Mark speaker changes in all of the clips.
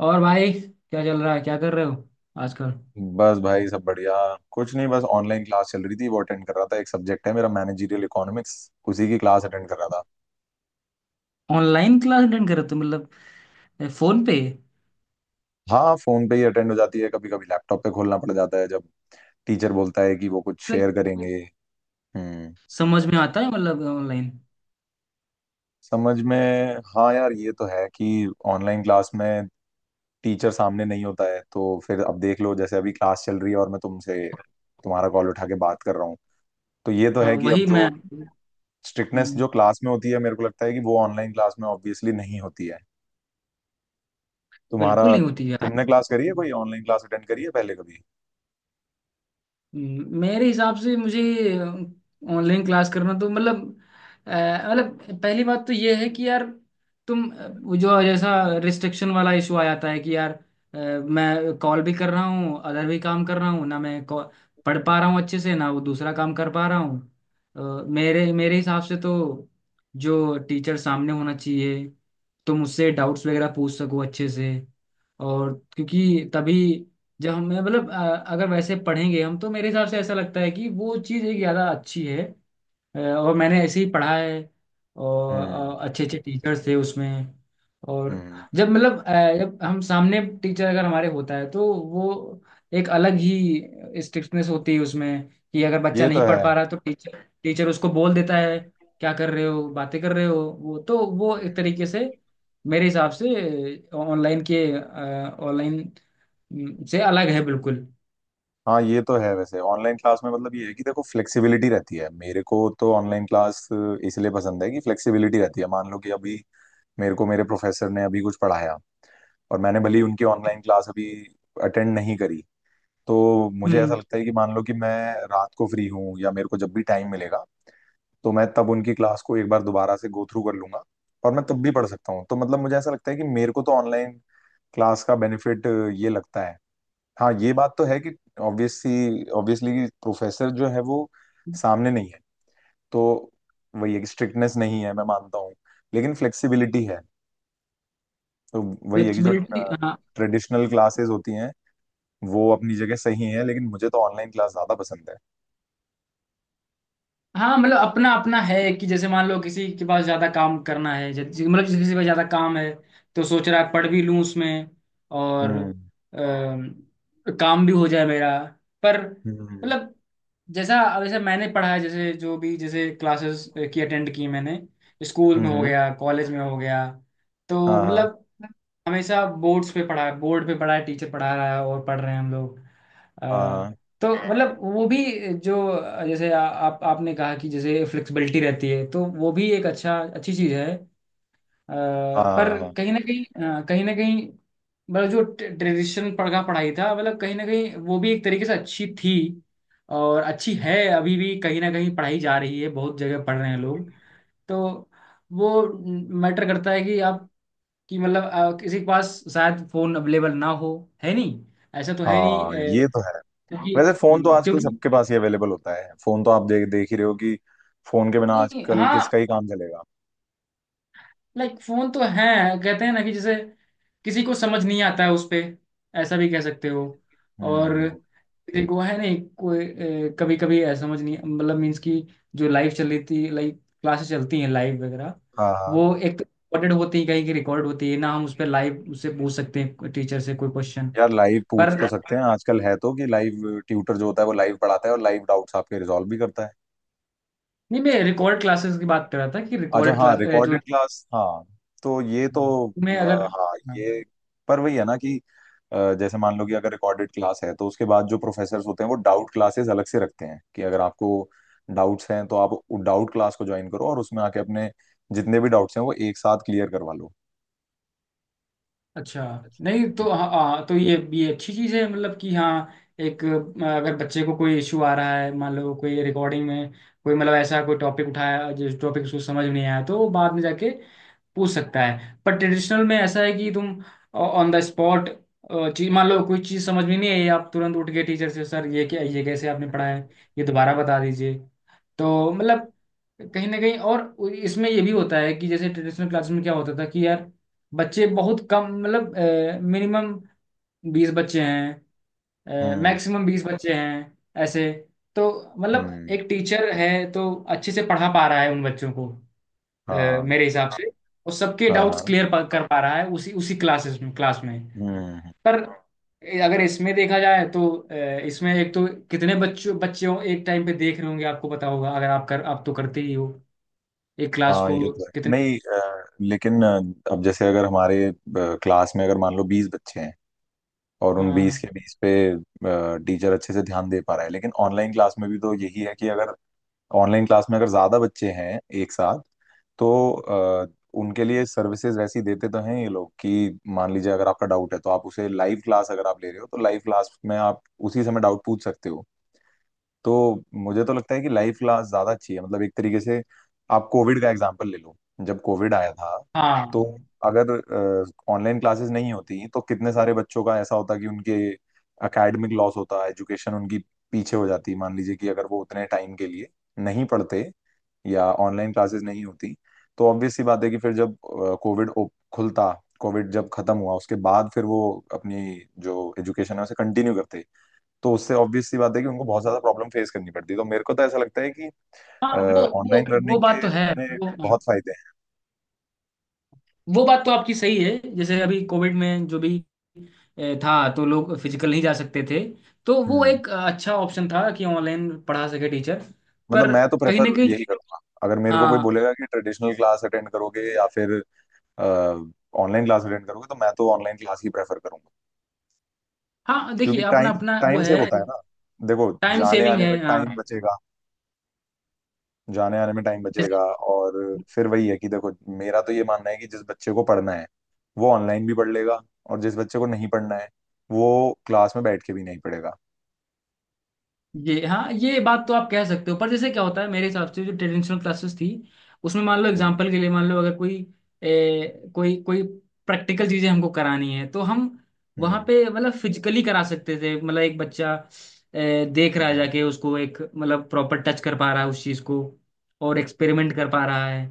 Speaker 1: और भाई, क्या चल रहा है? क्या कर रहे हो आजकल?
Speaker 2: बस भाई सब बढ़िया। कुछ नहीं, बस ऑनलाइन क्लास चल रही थी, वो अटेंड कर रहा था। एक सब्जेक्ट है मेरा मैनेजरियल इकोनॉमिक्स, उसी की क्लास अटेंड कर रहा था।
Speaker 1: ऑनलाइन क्लास अटेंड कर रहे हो तुम, मतलब फोन पे?
Speaker 2: हाँ, फोन पे ही अटेंड हो जाती है, कभी कभी लैपटॉप पे खोलना पड़ जाता है जब टीचर बोलता है कि वो कुछ
Speaker 1: लाइक?
Speaker 2: शेयर करेंगे। हम्म।
Speaker 1: समझ में आता है मतलब ऑनलाइन?
Speaker 2: समझ में। हाँ यार, ये तो है कि ऑनलाइन क्लास में टीचर सामने नहीं होता है, तो फिर अब देख लो, जैसे अभी क्लास चल रही है और मैं तुमसे तुम्हारा कॉल उठा के बात कर रहा हूँ। तो ये तो
Speaker 1: हाँ,
Speaker 2: है कि अब
Speaker 1: वही मैं।
Speaker 2: जो स्ट्रिक्टनेस
Speaker 1: हम्म,
Speaker 2: जो क्लास में होती है, मेरे को लगता है कि वो ऑनलाइन क्लास में ऑब्वियसली नहीं होती है। तुम्हारा
Speaker 1: बिल्कुल नहीं होती। यार।
Speaker 2: तुमने क्लास करी है, कोई ऑनलाइन क्लास अटेंड करी है पहले कभी?
Speaker 1: मेरे हिसाब से मुझे ऑनलाइन क्लास करना तो मतलब, अ, मतलब पहली बात तो ये है कि यार, तुम वो जो जैसा रिस्ट्रिक्शन वाला इशू आ जाता है, कि यार मैं कॉल भी कर रहा हूँ, अदर भी काम कर रहा हूँ ना, पढ़ पा रहा हूँ अच्छे से ना, वो दूसरा काम कर पा रहा हूँ। मेरे मेरे हिसाब से तो जो टीचर सामने होना चाहिए, तुम उससे डाउट्स वगैरह पूछ सको अच्छे से, और क्योंकि तभी, जब हम मतलब अगर वैसे पढ़ेंगे हम, तो मेरे हिसाब से ऐसा लगता है कि वो चीज़ एक ज़्यादा अच्छी है। और मैंने ऐसे ही पढ़ा है,
Speaker 2: हम्म,
Speaker 1: और अच्छे अच्छे टीचर्स थे उसमें। और
Speaker 2: हम्म।
Speaker 1: जब मतलब जब हम सामने टीचर अगर हमारे होता है, तो वो एक अलग ही स्ट्रिक्टनेस होती है उसमें। कि अगर बच्चा
Speaker 2: ये तो
Speaker 1: नहीं पढ़
Speaker 2: है।
Speaker 1: पा रहा, तो टीचर टीचर उसको बोल देता है क्या कर रहे हो, बातें कर रहे हो। वो तो वो एक तरीके से मेरे हिसाब से ऑनलाइन के ऑनलाइन से अलग है बिल्कुल।
Speaker 2: हाँ, ये तो है। वैसे ऑनलाइन क्लास में मतलब ये है कि देखो, फ्लेक्सिबिलिटी रहती है। मेरे को तो ऑनलाइन क्लास इसलिए पसंद है कि फ्लेक्सिबिलिटी रहती है। मान लो कि अभी मेरे को मेरे प्रोफेसर ने अभी कुछ पढ़ाया, और मैंने भले ही उनकी ऑनलाइन क्लास अभी अटेंड नहीं करी, तो मुझे ऐसा
Speaker 1: हम्म।
Speaker 2: लगता है कि मान लो कि मैं रात को फ्री हूँ या मेरे को जब भी टाइम मिलेगा, तो मैं तब उनकी क्लास को एक बार दोबारा से गो थ्रू कर लूंगा और मैं तब भी पढ़ सकता हूँ। तो मतलब मुझे ऐसा लगता है कि मेरे को तो ऑनलाइन क्लास का बेनिफिट ये लगता है। हाँ, ये बात तो है कि ऑब्वियसली ऑब्वियसली प्रोफेसर जो है वो सामने नहीं है, तो वही है कि स्ट्रिक्टनेस नहीं है, मैं मानता हूँ, लेकिन फ्लेक्सिबिलिटी है। तो वही है कि जो
Speaker 1: फ्लेक्सिबिलिटी, हाँ।
Speaker 2: ट्रेडिशनल क्लासेस होती हैं, वो अपनी जगह सही है, लेकिन मुझे तो ऑनलाइन क्लास ज्यादा पसंद है।
Speaker 1: हाँ, मतलब अपना अपना है कि जैसे मान लो किसी के पास ज्यादा काम करना है, जैसे मतलब जैसे किसी के पास ज्यादा काम है, तो सोच रहा है पढ़ भी लूँ उसमें, और
Speaker 2: हम्म,
Speaker 1: अ, काम भी हो जाए मेरा। पर
Speaker 2: हम्म,
Speaker 1: मतलब, जैसा वैसे मैंने पढ़ा है, जैसे जो भी, जैसे क्लासेस की अटेंड की मैंने, स्कूल
Speaker 2: हम्म,
Speaker 1: में हो गया, कॉलेज में हो गया, तो
Speaker 2: हाँ, हाँ,
Speaker 1: मतलब हमेशा बोर्ड्स पे पढ़ा है, बोर्ड पे पढ़ा है, टीचर पढ़ा रहा है और पढ़ रहे हैं हम लोग।
Speaker 2: हाँ,
Speaker 1: अ,
Speaker 2: हाँ,
Speaker 1: तो मतलब वो भी, जो जैसे आप आपने कहा कि जैसे फ्लेक्सिबिलिटी रहती है, तो वो भी एक अच्छा अच्छी चीज़ है।
Speaker 2: हाँ, हाँ,
Speaker 1: पर
Speaker 2: हाँ,
Speaker 1: कहीं ना कहीं कहीं ना कहीं मतलब जो ट्रेडिशन पढ़ा पढ़ाई था, मतलब कहीं ना कहीं वो भी एक तरीके से अच्छी थी, और अच्छी है अभी भी, कहीं ना कहीं पढ़ाई जा रही है, बहुत जगह पढ़ रहे हैं लोग। तो वो मैटर करता है कि आप, कि मतलब किसी के पास शायद फोन अवेलेबल ना हो, है नहीं, ऐसा तो है नहीं।
Speaker 2: हाँ, ये तो है।
Speaker 1: क्योंकि
Speaker 2: वैसे फोन तो आजकल
Speaker 1: क्योंकि
Speaker 2: सबके पास ही अवेलेबल होता है, फोन तो आप देख देख ही रहे हो कि फोन के बिना
Speaker 1: नहीं,
Speaker 2: आजकल
Speaker 1: हाँ,
Speaker 2: किसका ही काम चलेगा।
Speaker 1: लाइक फोन तो है। कहते हैं ना कि जैसे किसी को समझ नहीं आता है उस पे, ऐसा भी कह सकते हो। और
Speaker 2: हम्म,
Speaker 1: किसी को है नहीं कोई, कभी कभी ऐसा समझ नहीं, मतलब मीन्स की जो लाइव चल रही थी, लाइव क्लासेस चलती हैं लाइव वगैरह।
Speaker 2: हाँ, हाँ।
Speaker 1: वो एक तो रिकॉर्डेड होती है, कहीं की रिकॉर्ड होती है ना, हम उस पर लाइव उससे पूछ सकते हैं टीचर से कोई क्वेश्चन।
Speaker 2: यार लाइव पूछ
Speaker 1: पर
Speaker 2: तो सकते हैं, आजकल है तो कि लाइव ट्यूटर जो होता है वो लाइव पढ़ाता है और लाइव डाउट्स आपके रिजॉल्व भी करता है।
Speaker 1: नहीं, मैं रिकॉर्ड क्लासेस की बात कर रहा था कि
Speaker 2: अच्छा,
Speaker 1: रिकॉर्ड
Speaker 2: हाँ,
Speaker 1: क्लास जो
Speaker 2: रिकॉर्डेड पॉडकास्ट क्लास, हाँ। तो ये तो
Speaker 1: हम्म, में अगर,
Speaker 2: हाँ,
Speaker 1: हाँ,
Speaker 2: ये पर वही है ना कि जैसे मान लो कि अगर रिकॉर्डेड क्लास है, तो उसके बाद जो प्रोफेसर्स होते हैं वो डाउट क्लासेस अलग से रखते हैं कि अगर आपको डाउट्स हैं तो आप डाउट क्लास को ज्वाइन करो और उसमें आके अपने जितने भी डाउट्स हैं वो एक साथ क्लियर करवा लो।
Speaker 1: अच्छा।
Speaker 2: अच्छा।
Speaker 1: नहीं तो,
Speaker 2: हम्म,
Speaker 1: हाँ हाँ, तो ये अच्छी चीज़ है मतलब कि, हाँ, एक अगर बच्चे को कोई इशू आ रहा है, मान लो कोई रिकॉर्डिंग में कोई मतलब ऐसा कोई टॉपिक उठाया, जिस टॉपिक उसको समझ में नहीं आया, तो वो बाद में जाके पूछ सकता है। पर ट्रेडिशनल में ऐसा है कि तुम ऑन द स्पॉट चीज, मान लो कोई चीज़ समझ में नहीं आई, आप तुरंत उठ के टीचर से, सर ये क्या, ये कैसे आपने पढ़ाया है, ये दोबारा बता दीजिए। तो मतलब कहीं ना कहीं, और इसमें ये भी होता है कि जैसे ट्रेडिशनल क्लासेस में क्या होता था कि यार, बच्चे बहुत कम, मतलब मिनिमम 20 बच्चे हैं,
Speaker 2: हम्म,
Speaker 1: मैक्सिमम 20 बच्चे हैं ऐसे। तो मतलब
Speaker 2: हम्म,
Speaker 1: एक टीचर है, तो अच्छे से पढ़ा पा रहा है उन बच्चों को। अ, मेरे
Speaker 2: हाँ,
Speaker 1: हिसाब से, और सबके
Speaker 2: हाँ, हाँ,
Speaker 1: डाउट्स
Speaker 2: इंटरेस्टिंग।
Speaker 1: क्लियर कर पा रहा है उसी उसी क्लासेस में क्लास में।
Speaker 2: हम्म।
Speaker 1: पर अगर इसमें देखा जाए, तो इसमें एक तो कितने बच्चों बच्चों एक टाइम पे देख रहे होंगे, आपको पता होगा, अगर आप तो करते ही हो एक क्लास
Speaker 2: हाँ,
Speaker 1: को,
Speaker 2: ये तो है
Speaker 1: कितने।
Speaker 2: नहीं। लेकिन अब जैसे अगर हमारे क्लास में अगर मान लो 20 बच्चे हैं, और उन 20
Speaker 1: हाँ
Speaker 2: के 20 पे टीचर अच्छे से ध्यान दे पा रहा है, लेकिन ऑनलाइन क्लास में भी तो यही है कि अगर ऑनलाइन क्लास में अगर ज्यादा बच्चे हैं एक साथ तो अ, उनके लिए सर्विसेज वैसी देते तो हैं ये लोग कि मान लीजिए अगर आपका डाउट है तो आप उसे लाइव क्लास अगर आप ले रहे हो तो लाइव क्लास में आप उसी समय डाउट पूछ सकते हो। तो मुझे तो लगता है कि लाइव क्लास ज्यादा अच्छी है, मतलब एक तरीके से आप कोविड का एग्जांपल ले लो। जब कोविड आया था तो
Speaker 1: हाँ
Speaker 2: अगर ऑनलाइन क्लासेस नहीं होती तो कितने सारे बच्चों का ऐसा होता कि उनके एकेडमिक लॉस होता, एजुकेशन उनकी पीछे हो जाती। मान लीजिए कि अगर वो उतने टाइम के लिए नहीं पढ़ते या ऑनलाइन क्लासेस नहीं होती तो ऑब्वियस सी बात है कि फिर जब कोविड खुलता, कोविड जब खत्म हुआ उसके बाद फिर वो अपनी जो एजुकेशन है उसे कंटिन्यू करते, तो उससे ऑब्वियस सी बात है कि उनको बहुत ज्यादा प्रॉब्लम फेस करनी पड़ती है। तो मेरे को तो ऐसा लगता है कि
Speaker 1: हाँ, वो
Speaker 2: ऑनलाइन
Speaker 1: वो वो
Speaker 2: लर्निंग के
Speaker 1: बात तो है।
Speaker 2: अपने
Speaker 1: वो
Speaker 2: बहुत फायदे हैं।
Speaker 1: वो बात तो आपकी सही है, जैसे अभी कोविड में जो भी था, तो लोग फिजिकल नहीं जा सकते थे, तो वो
Speaker 2: हम्म,
Speaker 1: एक अच्छा ऑप्शन था कि ऑनलाइन पढ़ा सके टीचर।
Speaker 2: मतलब
Speaker 1: पर
Speaker 2: मैं तो
Speaker 1: कहीं ना
Speaker 2: प्रेफर
Speaker 1: कहीं,
Speaker 2: यही करूंगा, अगर मेरे को कोई
Speaker 1: हाँ
Speaker 2: बोलेगा कि ट्रेडिशनल क्लास अटेंड करोगे या फिर ऑनलाइन क्लास अटेंड करोगे, तो मैं तो ऑनलाइन क्लास ही प्रेफर करूंगा।
Speaker 1: हाँ, देखिए
Speaker 2: क्योंकि
Speaker 1: अपना
Speaker 2: टाइम
Speaker 1: अपना वो
Speaker 2: टाइम
Speaker 1: है।
Speaker 2: सेव होता है ना, देखो।
Speaker 1: टाइम
Speaker 2: जाने
Speaker 1: सेविंग
Speaker 2: आने में
Speaker 1: है, हाँ।
Speaker 2: टाइम बचेगा, जाने आने में टाइम बचेगा,
Speaker 1: जैसे,
Speaker 2: और फिर वही है कि देखो, मेरा तो ये मानना है कि जिस बच्चे को पढ़ना है वो ऑनलाइन भी पढ़ लेगा, और जिस बच्चे को नहीं पढ़ना है वो क्लास में बैठ के भी नहीं पढ़ेगा।
Speaker 1: ये, हाँ, ये बात तो आप कह सकते हो, पर जैसे क्या होता है मेरे हिसाब से, जो ट्रेडिशनल क्लासेस थी, उसमें मान लो
Speaker 2: हम्म,
Speaker 1: एग्जांपल के लिए, मान लो अगर कोई ए, कोई कोई प्रैक्टिकल चीजें हमको करानी है, तो हम वहाँ
Speaker 2: हम्म,
Speaker 1: पे मतलब फिजिकली करा सकते थे। मतलब एक बच्चा देख रहा है
Speaker 2: हम्म,
Speaker 1: जाके, उसको एक मतलब प्रॉपर टच कर पा रहा है उस चीज को, और एक्सपेरिमेंट कर पा रहा है,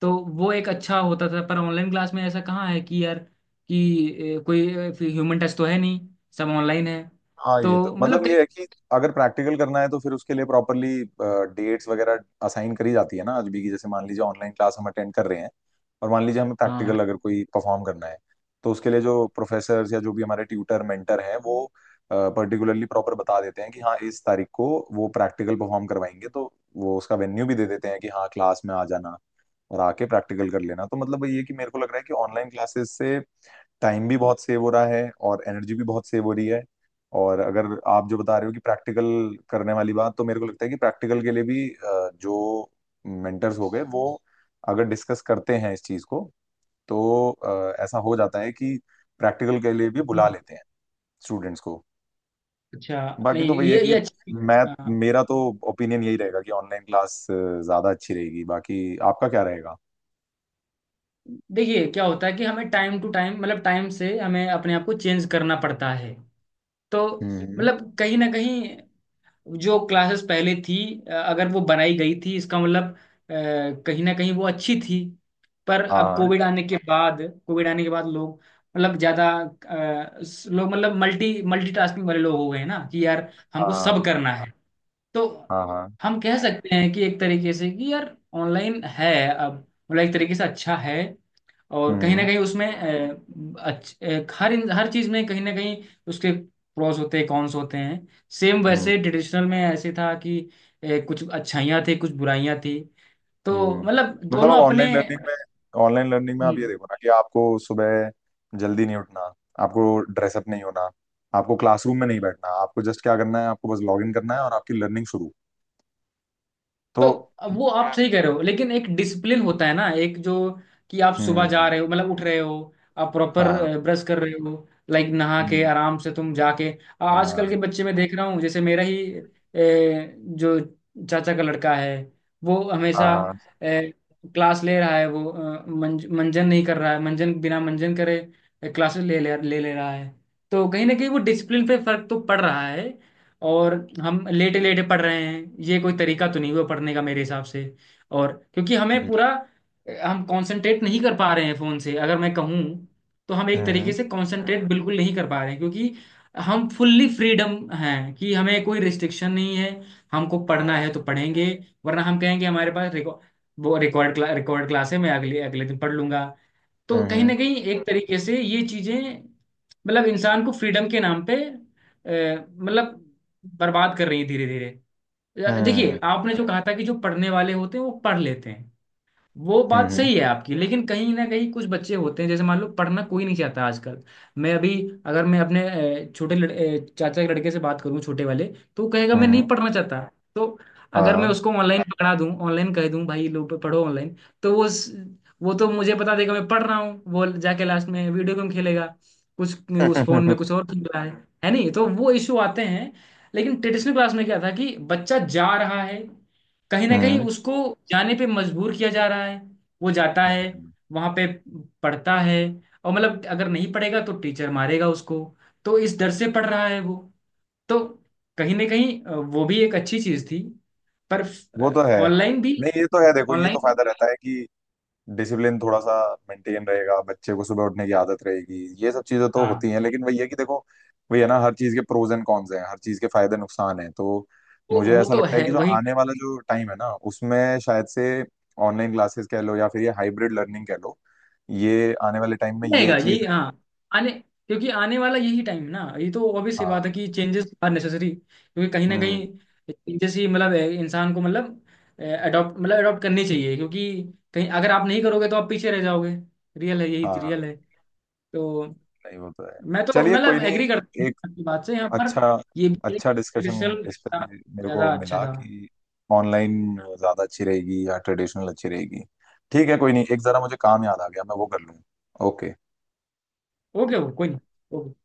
Speaker 1: तो वो एक अच्छा होता था। पर ऑनलाइन क्लास में ऐसा कहाँ है कि यार, कि कोई ह्यूमन टच तो है नहीं, सब ऑनलाइन है।
Speaker 2: हाँ, ये तो
Speaker 1: तो
Speaker 2: मतलब
Speaker 1: मतलब
Speaker 2: ये है कि अगर प्रैक्टिकल करना है तो फिर उसके लिए प्रॉपरली डेट्स वगैरह असाइन करी जाती है ना आज भी की, जैसे मान लीजिए ऑनलाइन क्लास हम अटेंड कर रहे हैं और मान लीजिए हमें
Speaker 1: हाँ,
Speaker 2: प्रैक्टिकल अगर कोई परफॉर्म करना है तो उसके लिए जो प्रोफेसर या जो भी हमारे ट्यूटर मेंटर हैं वो पर्टिकुलरली प्रॉपर बता देते हैं कि हाँ इस तारीख को वो प्रैक्टिकल परफॉर्म करवाएंगे। तो वो उसका वेन्यू भी दे देते हैं कि हाँ क्लास में आ जाना और आके प्रैक्टिकल कर लेना। तो मतलब ये है कि मेरे को लग रहा है कि ऑनलाइन क्लासेस से टाइम भी बहुत सेव हो रहा है और एनर्जी भी बहुत सेव हो रही है। और अगर आप जो बता रहे हो कि प्रैक्टिकल करने वाली बात, तो मेरे को लगता है कि प्रैक्टिकल के लिए भी जो मेंटर्स हो गए वो अगर डिस्कस करते हैं इस चीज को, तो ऐसा हो जाता है कि प्रैक्टिकल के लिए भी बुला लेते हैं स्टूडेंट्स को।
Speaker 1: अच्छा,
Speaker 2: बाकी
Speaker 1: नहीं
Speaker 2: तो वही है
Speaker 1: ये
Speaker 2: कि
Speaker 1: ये अच्छी,
Speaker 2: मैं
Speaker 1: हाँ,
Speaker 2: मेरा तो ओपिनियन यही रहेगा कि ऑनलाइन क्लास ज्यादा अच्छी रहेगी, बाकी आपका क्या रहेगा?
Speaker 1: देखिए क्या होता है कि हमें टाइम टू टाइम, मतलब टाइम से हमें अपने आप को चेंज करना पड़ता है। तो
Speaker 2: हम्म,
Speaker 1: मतलब कहीं ना कहीं, जो क्लासेस पहले थी, अगर वो बनाई गई थी, इसका मतलब कहीं ना कहीं वो अच्छी थी। पर अब
Speaker 2: हाँ,
Speaker 1: कोविड आने के बाद लोग, मतलब ज्यादा लोग, मतलब मल्टीटास्किंग वाले लोग हो गए हैं ना कि यार हमको
Speaker 2: हाँ,
Speaker 1: सब करना है, तो
Speaker 2: हाँ, हाँ,
Speaker 1: हम कह सकते हैं कि एक तरीके से कि यार ऑनलाइन है अब, मतलब एक तरीके से अच्छा है। और कहीं ना
Speaker 2: हम्म,
Speaker 1: कहीं उसमें अ, अच्छ, अ, हर इन- हर चीज में कहीं ना कहीं उसके प्रोस होते हैं, कॉन्स होते हैं। सेम
Speaker 2: हम्म,
Speaker 1: वैसे ट्रेडिशनल में ऐसे था कि कुछ अच्छाइयाँ थी, कुछ बुराइयाँ थी, तो
Speaker 2: हम्म।
Speaker 1: मतलब
Speaker 2: तो मतलब
Speaker 1: दोनों
Speaker 2: आप
Speaker 1: अपने।
Speaker 2: ऑनलाइन लर्निंग में आप ये
Speaker 1: हम्म,
Speaker 2: देखो ना कि आपको सुबह जल्दी नहीं उठना, आपको ड्रेसअप नहीं होना, आपको क्लासरूम में नहीं बैठना, आपको जस्ट क्या करना है, आपको बस लॉग इन करना है और आपकी लर्निंग शुरू। तो
Speaker 1: तो वो आप सही कह रहे हो, लेकिन एक डिसिप्लिन होता है ना, एक जो, कि आप सुबह जा
Speaker 2: हम्म,
Speaker 1: रहे हो, मतलब उठ रहे हो, आप प्रॉपर
Speaker 2: हाँ,
Speaker 1: ब्रश कर रहे हो, लाइक नहा के
Speaker 2: हम्म,
Speaker 1: आराम से तुम जाके, आजकल के
Speaker 2: हाँ,
Speaker 1: बच्चे में देख रहा हूँ, जैसे मेरा ही जो चाचा का लड़का है, वो
Speaker 2: हाँ,
Speaker 1: हमेशा
Speaker 2: हाँ,
Speaker 1: ए, क्लास ले रहा है, वो मंजन नहीं कर रहा है, मंजन बिना मंजन करे क्लासेस ले ले ले ले रहा है, तो कहीं ना कहीं वो डिसिप्लिन पे फर्क तो पड़ रहा है। और हम लेटे लेटे पढ़ रहे हैं, ये कोई तरीका तो नहीं हुआ पढ़ने का मेरे हिसाब से। और क्योंकि हमें
Speaker 2: हम्म,
Speaker 1: पूरा, हम कंसंट्रेट नहीं कर पा रहे हैं फोन से, अगर मैं कहूँ, तो हम एक तरीके से कंसंट्रेट बिल्कुल नहीं कर पा रहे हैं, क्योंकि हम फुल्ली फ्रीडम हैं, कि हमें कोई रिस्ट्रिक्शन नहीं है। हमको पढ़ना है तो पढ़ेंगे, वरना हम कहेंगे हमारे पास रिकॉर्ड, वो रिकॉर्ड क्लास है, मैं अगले अगले दिन पढ़ लूंगा। तो
Speaker 2: हम्म,
Speaker 1: कहीं
Speaker 2: हम्म,
Speaker 1: ना कहीं एक तरीके से ये चीजें, मतलब इंसान को फ्रीडम के नाम पे मतलब बर्बाद कर रही है धीरे धीरे।
Speaker 2: हम्म,
Speaker 1: देखिए आपने जो कहा था कि जो पढ़ने वाले होते हैं वो पढ़ लेते हैं, वो बात
Speaker 2: हम्म,
Speaker 1: सही है आपकी, लेकिन कहीं ना कहीं कुछ बच्चे होते हैं, जैसे मान लो, पढ़ना कोई नहीं चाहता आजकल। मैं अभी, अगर मैं अपने चाचा के लड़के से बात करूं छोटे वाले, तो वो कहेगा
Speaker 2: हम्म,
Speaker 1: मैं नहीं पढ़ना चाहता। तो अगर मैं
Speaker 2: हाँ,
Speaker 1: उसको ऑनलाइन पकड़ा दूं, ऑनलाइन कह दूं भाई लो पढ़ो ऑनलाइन, तो वो वो तो मुझे बता देगा मैं पढ़ रहा हूँ, वो जाके लास्ट में वीडियो गेम खेलेगा, कुछ उस फोन में कुछ और खेल रहा है। है नहीं, तो वो इशू आते हैं। लेकिन ट्रेडिशनल क्लास में क्या था कि बच्चा जा रहा है, कहीं ना कहीं
Speaker 2: हम्म,
Speaker 1: उसको जाने पे मजबूर किया जा रहा है, वो जाता है
Speaker 2: हम्म।
Speaker 1: वहां पे, पढ़ता है, और मतलब अगर नहीं पढ़ेगा तो टीचर मारेगा उसको, तो इस डर से पढ़ रहा है वो। तो कहीं ना कहीं वो भी एक अच्छी चीज थी। पर
Speaker 2: वो तो है, हाँ।
Speaker 1: ऑनलाइन भी
Speaker 2: नहीं, ये तो है देखो, ये तो
Speaker 1: ऑनलाइन
Speaker 2: फायदा रहता है कि डिसिप्लिन थोड़ा सा मेंटेन रहेगा, बच्चे को सुबह उठने की आदत रहेगी, ये सब चीजें तो होती
Speaker 1: हाँ,
Speaker 2: हैं, लेकिन वही है कि देखो, वही है ना, हर चीज के प्रोज एंड कॉन्स हैं, हर चीज के फायदे नुकसान हैं, तो
Speaker 1: तो
Speaker 2: मुझे
Speaker 1: वो
Speaker 2: ऐसा
Speaker 1: तो
Speaker 2: लगता है कि
Speaker 1: है,
Speaker 2: जो
Speaker 1: वही
Speaker 2: आने वाला जो टाइम है ना, उसमें शायद से ऑनलाइन क्लासेस कह लो या फिर ये हाइब्रिड लर्निंग कह लो, ये आने वाले टाइम में ये
Speaker 1: रहेगा
Speaker 2: चीज।
Speaker 1: यही। हाँ, आने क्योंकि आने वाला यही टाइम है ना, ये तो ऑब्वियस सी बात है
Speaker 2: हाँ,
Speaker 1: कि चेंजेस आर नेसेसरी, क्योंकि कहीं ना
Speaker 2: हम्म,
Speaker 1: कहीं चेंजेस ही, मतलब इंसान को मतलब अडॉप्ट करनी चाहिए, क्योंकि कहीं अगर आप नहीं करोगे तो आप पीछे रह जाओगे, रियल है, यही
Speaker 2: हाँ।
Speaker 1: रियल है। तो
Speaker 2: नहीं, वो तो है।
Speaker 1: मैं तो
Speaker 2: चलिए
Speaker 1: मतलब
Speaker 2: कोई नहीं,
Speaker 1: एग्री करता हूँ
Speaker 2: एक
Speaker 1: आपकी बात से यहाँ पर,
Speaker 2: अच्छा
Speaker 1: ये भी
Speaker 2: अच्छा डिस्कशन
Speaker 1: ट्रेडिशनल
Speaker 2: इस पे मेरे को
Speaker 1: ज़्यादा अच्छा
Speaker 2: मिला
Speaker 1: था।
Speaker 2: कि ऑनलाइन ज़्यादा अच्छी रहेगी या ट्रेडिशनल अच्छी रहेगी। ठीक है, कोई नहीं, एक ज़रा मुझे काम याद आ गया, मैं वो कर लूँ। ओके।
Speaker 1: ओके, वो कोई नहीं। okay।